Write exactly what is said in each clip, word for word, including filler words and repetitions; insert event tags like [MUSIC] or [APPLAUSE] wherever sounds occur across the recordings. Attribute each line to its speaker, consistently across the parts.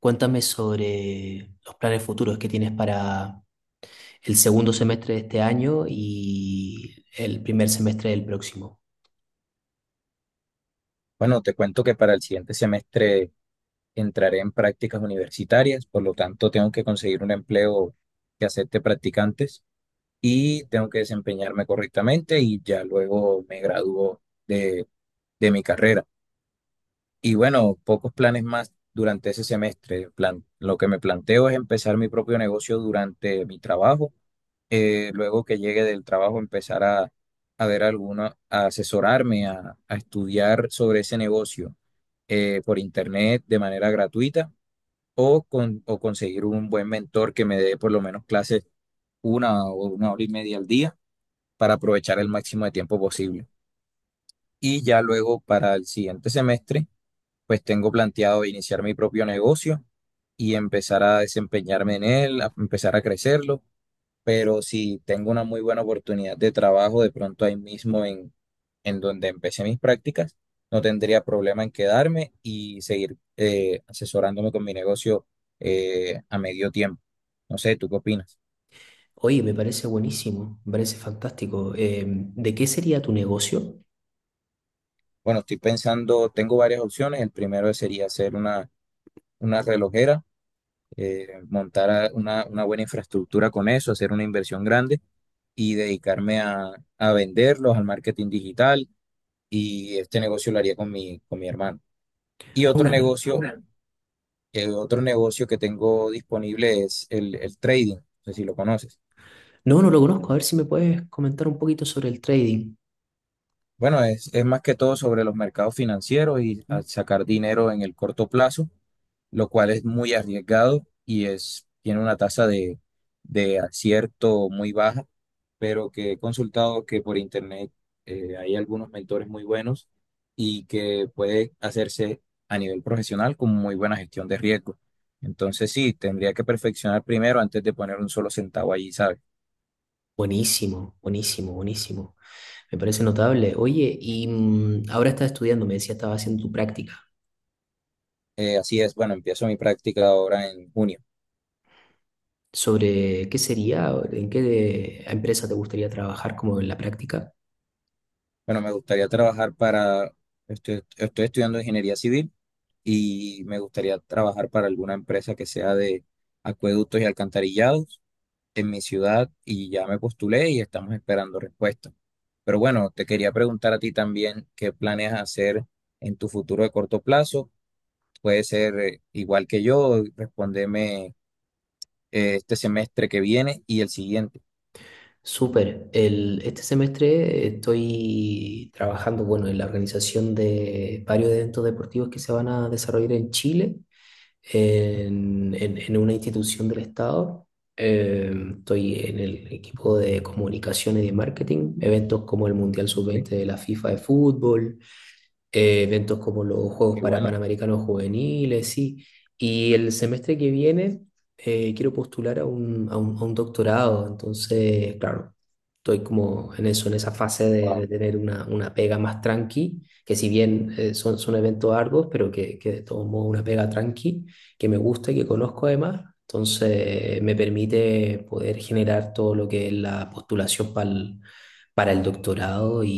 Speaker 1: Cuéntame sobre los planes futuros que tienes para el segundo semestre de este año y el primer semestre del próximo.
Speaker 2: Bueno, te cuento que para el siguiente semestre entraré en prácticas universitarias, por lo tanto tengo que conseguir un empleo que acepte practicantes y tengo que desempeñarme correctamente y ya luego me gradúo de, de mi carrera. Y bueno, pocos planes más durante ese semestre. Plan- lo que me planteo es empezar mi propio negocio durante mi trabajo, eh, luego que llegue del trabajo empezar a, a ver alguna, a asesorarme, a, a estudiar sobre ese negocio eh, por internet de manera gratuita o, con, o conseguir un buen mentor que me dé por lo menos clases una o una hora y media al día para aprovechar el máximo de tiempo posible. Y ya luego para el siguiente semestre, pues tengo planteado iniciar mi propio negocio y empezar a desempeñarme en él, a empezar a crecerlo, pero si tengo una muy buena oportunidad de trabajo de pronto ahí mismo en, en donde empecé mis prácticas, no tendría problema en quedarme y seguir eh, asesorándome con mi negocio eh, a medio tiempo. No sé, ¿tú qué opinas?
Speaker 1: Oye, me parece buenísimo, me parece fantástico. Eh, ¿de qué sería tu negocio?
Speaker 2: Bueno, estoy pensando, tengo varias opciones. El primero sería hacer una, una relojera, eh, montar a- una, una buena infraestructura con eso, hacer una inversión grande y dedicarme a, a venderlos, al marketing digital. Y este negocio lo haría con mi, con mi hermano. Y
Speaker 1: Ah,
Speaker 2: otro
Speaker 1: una.
Speaker 2: negocio, eh, otro negocio que tengo disponible es el, el trading, no sé si lo conoces.
Speaker 1: No, no lo conozco. A ver si me puedes comentar un poquito sobre el trading.
Speaker 2: Bueno, es, es más que todo sobre los mercados financieros y
Speaker 1: Mm.
Speaker 2: a sacar dinero en el corto plazo, lo cual es muy arriesgado y es, tiene una tasa de, de acierto muy baja, pero que he consultado que por internet eh, hay algunos mentores muy buenos y que puede hacerse a nivel profesional con muy buena gestión de riesgo. Entonces sí, tendría que perfeccionar primero antes de poner un solo centavo allí, ¿sabes?
Speaker 1: Buenísimo, buenísimo, buenísimo. Me parece notable. Oye, y mm, ahora estás estudiando, me decía, estaba haciendo tu práctica.
Speaker 2: Eh, así es, bueno, empiezo mi práctica ahora en junio.
Speaker 1: ¿Sobre qué sería, en qué de- empresa te gustaría trabajar como en la práctica?
Speaker 2: Bueno, me gustaría trabajar para, estoy, estoy estudiando ingeniería civil y me gustaría trabajar para alguna empresa que sea de acueductos y alcantarillados en mi ciudad, y ya me postulé y estamos esperando respuesta. Pero bueno, te quería preguntar a ti también qué planes hacer en tu futuro de corto plazo. Puede ser, eh, igual que yo, respóndeme, eh, este semestre que viene y el siguiente.
Speaker 1: Súper. El, este semestre estoy trabajando, bueno, en la organización de varios eventos deportivos que se van a desarrollar en Chile, en, en- en una institución del Estado. Eh, Estoy en el equipo de comunicaciones y de marketing, eventos como el Mundial
Speaker 2: ¿Ve?
Speaker 1: sub veinte de la FIFA de fútbol, eh, eventos como los Juegos
Speaker 2: Qué
Speaker 1: para
Speaker 2: bueno.
Speaker 1: Panamericanos Juveniles, sí. Y el semestre que viene eh, quiero postular a un, a un- a un doctorado, entonces, claro, estoy como en eso, en esa fase de, de
Speaker 2: Wow.
Speaker 1: tener una, una pega más tranqui, que si bien eh, son, son eventos arduos, pero que, que de todos modos una pega tranqui, que me gusta y que conozco además. Entonces me permite poder generar todo lo que es la postulación para el doctorado y,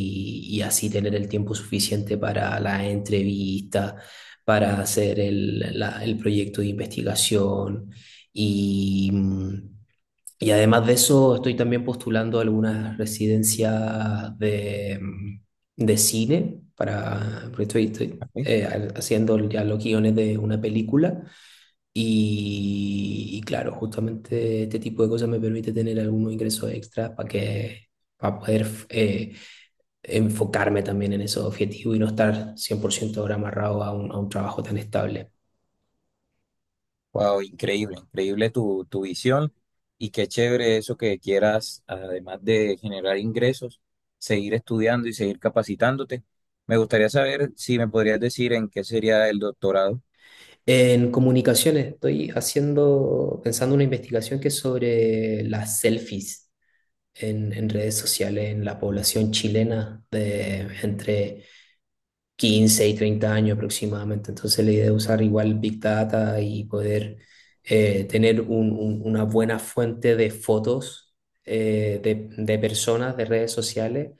Speaker 1: y así tener el tiempo suficiente para la entrevista, para hacer el, la- el proyecto de investigación y... mm, y además de eso, estoy también postulando algunas residencias de, mm, de cine para, porque estoy, estoy, eh, haciendo ya los guiones de una película. Y, y claro, justamente este tipo de cosas me permite tener algunos ingresos extras para que, para poder eh, enfocarme también en esos objetivos y no estar cien por ciento ahora amarrado a un, a un trabajo tan estable.
Speaker 2: Wow, increíble, increíble tu, tu visión, y qué chévere eso que quieras, además de generar ingresos, seguir estudiando y seguir capacitándote. Me gustaría saber si me podrías decir en qué sería el doctorado.
Speaker 1: En comunicaciones estoy haciendo, pensando una investigación que es sobre las selfies en, en redes sociales en la población chilena de entre quince y treinta años aproximadamente. Entonces la idea es usar igual Big Data y poder eh, tener un- un- una buena fuente de fotos, eh, de, de personas, de redes sociales,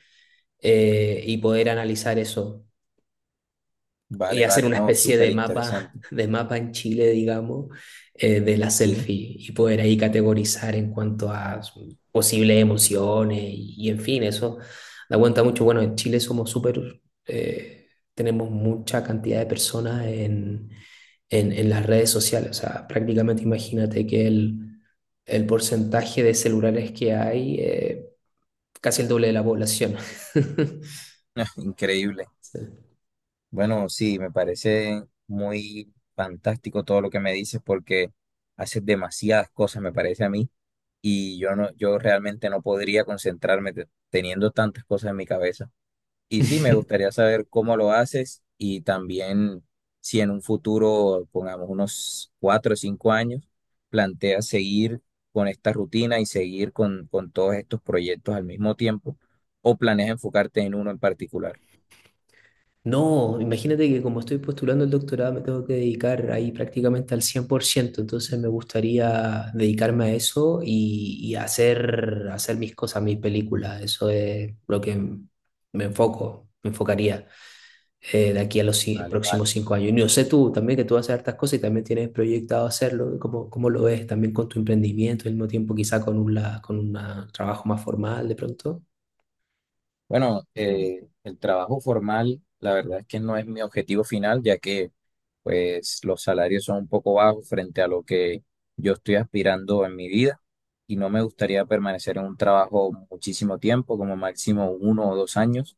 Speaker 1: eh, y poder analizar eso y
Speaker 2: Vale,
Speaker 1: hacer
Speaker 2: vale,
Speaker 1: una
Speaker 2: no,
Speaker 1: especie
Speaker 2: súper
Speaker 1: de mapa,
Speaker 2: interesante.
Speaker 1: de mapa en Chile, digamos, eh, de la
Speaker 2: Sí,
Speaker 1: selfie y poder ahí categorizar en cuanto a posibles emociones y, y en fin, eso da cuenta mucho. Bueno, en Chile somos súper, eh, tenemos mucha cantidad de personas en, en, en las redes sociales, o sea, prácticamente imagínate que el, el porcentaje de celulares que hay, eh, casi el doble de la población. [LAUGHS]
Speaker 2: [LAUGHS] increíble. Bueno, sí, me parece muy fantástico todo lo que me dices, porque haces demasiadas cosas, me parece a mí, y yo no, yo realmente no podría concentrarme te- teniendo tantas cosas en mi cabeza. Y sí, me
Speaker 1: Sí.
Speaker 2: gustaría saber cómo lo haces, y también si en un futuro, pongamos unos cuatro o cinco años, planteas seguir con esta rutina y seguir con, con todos estos proyectos al mismo tiempo, o planeas enfocarte en uno en particular.
Speaker 1: No, imagínate que como estoy postulando el doctorado me tengo que dedicar ahí prácticamente al cien por ciento. Entonces me gustaría dedicarme a eso y, y hacer, hacer mis cosas, mis películas, eso es lo que me enfoco, me enfocaría eh, de aquí a los ci-
Speaker 2: Vale, vale.
Speaker 1: próximos cinco años. Y yo sé tú también que tú haces hartas cosas y también tienes proyectado hacerlo. ¿Cómo, cómo lo ves también con tu emprendimiento y al mismo tiempo quizá con un, la- con un trabajo más formal de pronto?
Speaker 2: Bueno, eh, el trabajo formal, la verdad es que no es mi objetivo final, ya que pues los salarios son un poco bajos frente a lo que yo estoy aspirando en mi vida, y no me gustaría permanecer en un trabajo muchísimo tiempo, como máximo uno o dos años.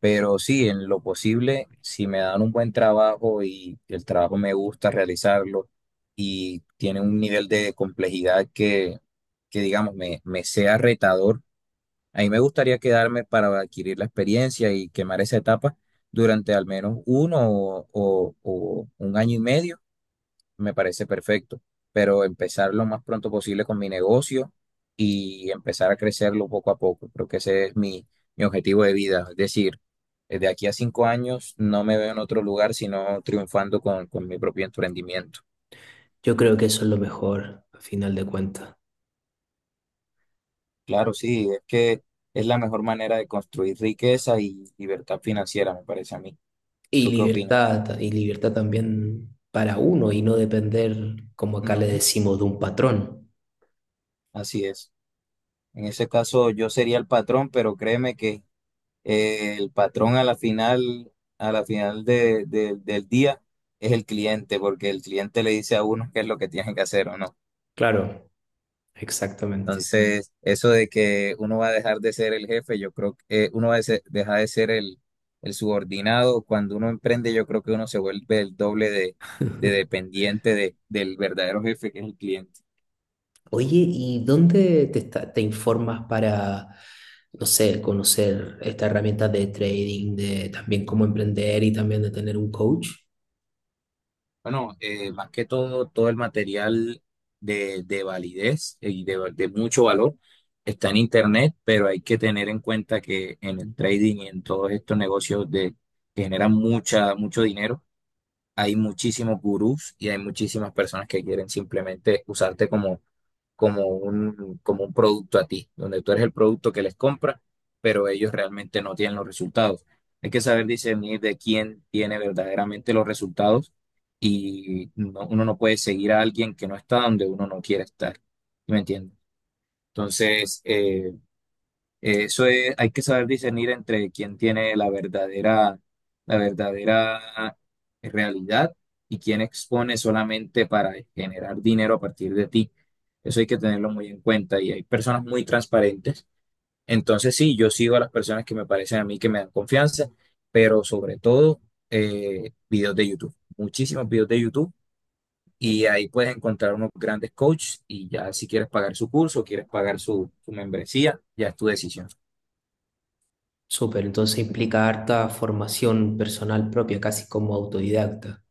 Speaker 2: Pero sí, en lo posible, si me dan un buen trabajo y el trabajo me gusta realizarlo y tiene un nivel de complejidad que, que digamos, me, me sea retador, a mí me gustaría quedarme para adquirir la experiencia y quemar esa etapa durante al menos uno o, o- o un año y medio, me parece perfecto. Pero empezar lo más pronto posible con mi negocio y empezar a crecerlo poco a poco. Creo que ese es mi, mi objetivo de vida. Es decir, eh, de aquí a cinco años no me veo en otro lugar sino triunfando con, con mi propio emprendimiento.
Speaker 1: Yo creo que eso es lo mejor, a final de cuentas.
Speaker 2: Claro, sí, es que es la mejor manera de construir riqueza y libertad financiera, me parece a mí.
Speaker 1: Y
Speaker 2: ¿Tú qué opinas?
Speaker 1: libertad, y libertad también para uno y no depender, como acá le
Speaker 2: Ujú.
Speaker 1: decimos, de un patrón.
Speaker 2: Así es. En ese caso yo sería el patrón, pero créeme que, eh, el patrón a la final, a la final de- de- del día es el cliente, porque el cliente le dice a uno qué es lo que tiene que hacer o no.
Speaker 1: Claro, exactamente.
Speaker 2: Entonces, eso de que uno va a dejar de ser el jefe, yo creo que, eh, uno va a ser- dejar de ser el, el subordinado. Cuando uno emprende, yo creo que uno se vuelve el doble de, de
Speaker 1: [LAUGHS]
Speaker 2: dependiente de- del verdadero jefe, que es el cliente.
Speaker 1: Oye, ¿y dónde te, esta- te informas para, no sé, conocer estas herramientas de trading, de también cómo emprender y también de tener un coach?
Speaker 2: Bueno, eh, más que todo, todo el material de, de validez y de, de mucho valor está en Internet, pero hay que tener en cuenta que en el trading y en todos estos negocios de, que generan mucha, mucho dinero, hay muchísimos gurús y hay muchísimas personas que quieren simplemente usarte como como un, como un producto a ti, donde tú eres el producto que les compra, pero ellos realmente no tienen los resultados. Hay que saber discernir de quién tiene verdaderamente los resultados, y no- uno no puede seguir a alguien que no está donde uno no quiere estar. ¿Sí? ¿Me entiendes? Entonces, eh, eh, eso es, hay que saber discernir entre quién tiene la verdadera, la verdadera, eh, realidad, y quién expone solamente para generar dinero a partir de ti. Eso hay que tenerlo muy en cuenta, y hay personas muy transparentes. Entonces sí, yo sigo a las personas que me parecen a mí que me dan confianza, pero sobre todo, eh, videos de YouTube, muchísimos videos de YouTube, y ahí puedes encontrar unos grandes coaches, y ya si quieres pagar su curso, quieres pagar su, su membresía, ya es tu decisión.
Speaker 1: Súper, entonces implica harta formación personal propia, casi como autodidacta.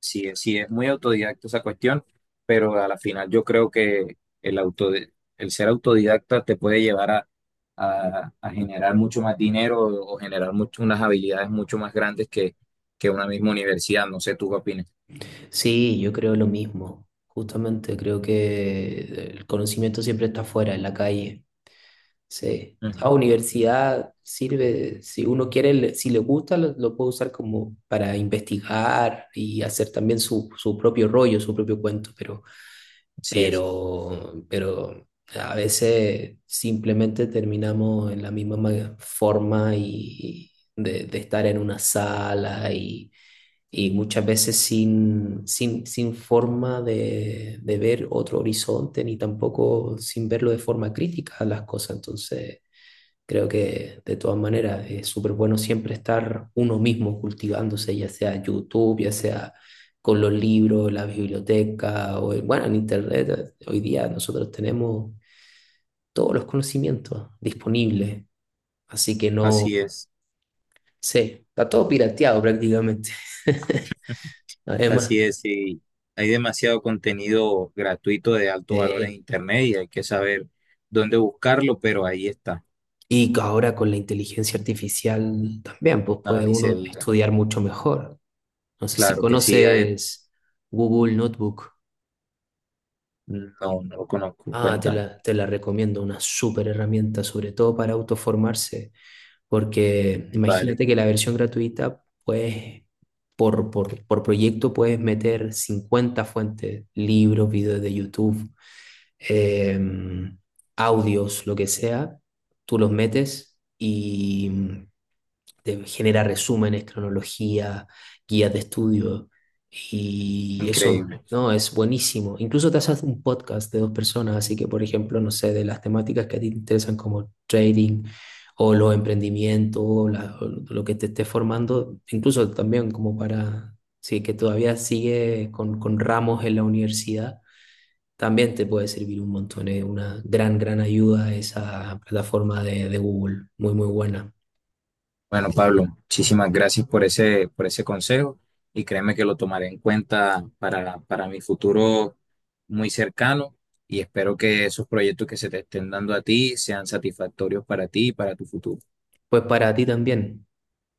Speaker 2: Sí, es- sí, es muy autodidacta esa cuestión, pero a la final yo creo que el auto, el ser autodidacta te puede llevar a, a- a generar mucho más dinero o generar mucho, unas habilidades mucho más grandes que, que una misma universidad. No sé, ¿tú qué opinas?
Speaker 1: Sí, yo creo lo mismo. Justamente creo que el conocimiento siempre está fuera, en la calle. Sí. La
Speaker 2: Ujú.
Speaker 1: universidad sirve, si uno quiere, le- si le gusta, lo, lo puede usar como para investigar y hacer también su, su propio rollo, su propio cuento, pero,
Speaker 2: Así es,
Speaker 1: pero, pero a veces simplemente terminamos en la misma ma- forma y de, de estar en una sala y, y muchas veces sin, sin, sin forma de, de ver otro horizonte ni tampoco sin verlo de forma crítica a las cosas. Entonces... Creo que de todas maneras es súper bueno siempre estar uno mismo cultivándose, ya sea YouTube, ya sea con los libros, la biblioteca, o bueno, en Internet. Hoy día nosotros tenemos todos los conocimientos disponibles, así que no
Speaker 2: así es,
Speaker 1: sé, está todo pirateado prácticamente. [LAUGHS] Además,
Speaker 2: Así es. Y hay demasiado contenido gratuito de alto valor en
Speaker 1: eh,
Speaker 2: Internet, y hay que saber dónde buscarlo, pero ahí está.
Speaker 1: y que ahora con la inteligencia artificial también, pues
Speaker 2: Nada,
Speaker 1: puede
Speaker 2: ni se
Speaker 1: uno
Speaker 2: diga.
Speaker 1: estudiar mucho mejor. No sé si
Speaker 2: Claro que sí, a él,
Speaker 1: conoces Google Notebook.
Speaker 2: no, no lo conozco.
Speaker 1: Ah, te
Speaker 2: Cuéntame.
Speaker 1: la, te la recomiendo, una súper herramienta, sobre todo para autoformarse, porque
Speaker 2: Vale,
Speaker 1: imagínate que la versión gratuita, pues por, por, por proyecto puedes meter cincuenta fuentes, libros, videos de YouTube, eh, audios, lo que sea, tú los metes y te genera resúmenes, cronología, guías de estudio y eso,
Speaker 2: increíble.
Speaker 1: no, es buenísimo. Incluso te haces un podcast de dos personas, así que, por ejemplo, no sé, de las temáticas que a ti te interesan como trading o los emprendimientos, o la- o lo que te esté formando, incluso también como para, sí, que todavía sigue con, con ramos en la universidad. También te puede servir un montón, es una gran, gran ayuda esa plataforma de, de Google, muy, muy buena.
Speaker 2: Bueno, Pablo, muchísimas gracias por ese, por ese consejo, y créeme que lo tomaré en cuenta para, para mi futuro muy cercano, y espero que esos proyectos que se te estén dando a ti sean satisfactorios para ti y para tu futuro.
Speaker 1: Pues para ti también.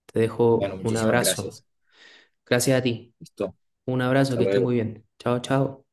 Speaker 1: Te
Speaker 2: Bueno,
Speaker 1: dejo un
Speaker 2: muchísimas
Speaker 1: abrazo.
Speaker 2: gracias.
Speaker 1: Gracias a ti.
Speaker 2: Listo.
Speaker 1: Un abrazo,
Speaker 2: Hasta
Speaker 1: que esté
Speaker 2: luego.
Speaker 1: muy bien. Chao, chao.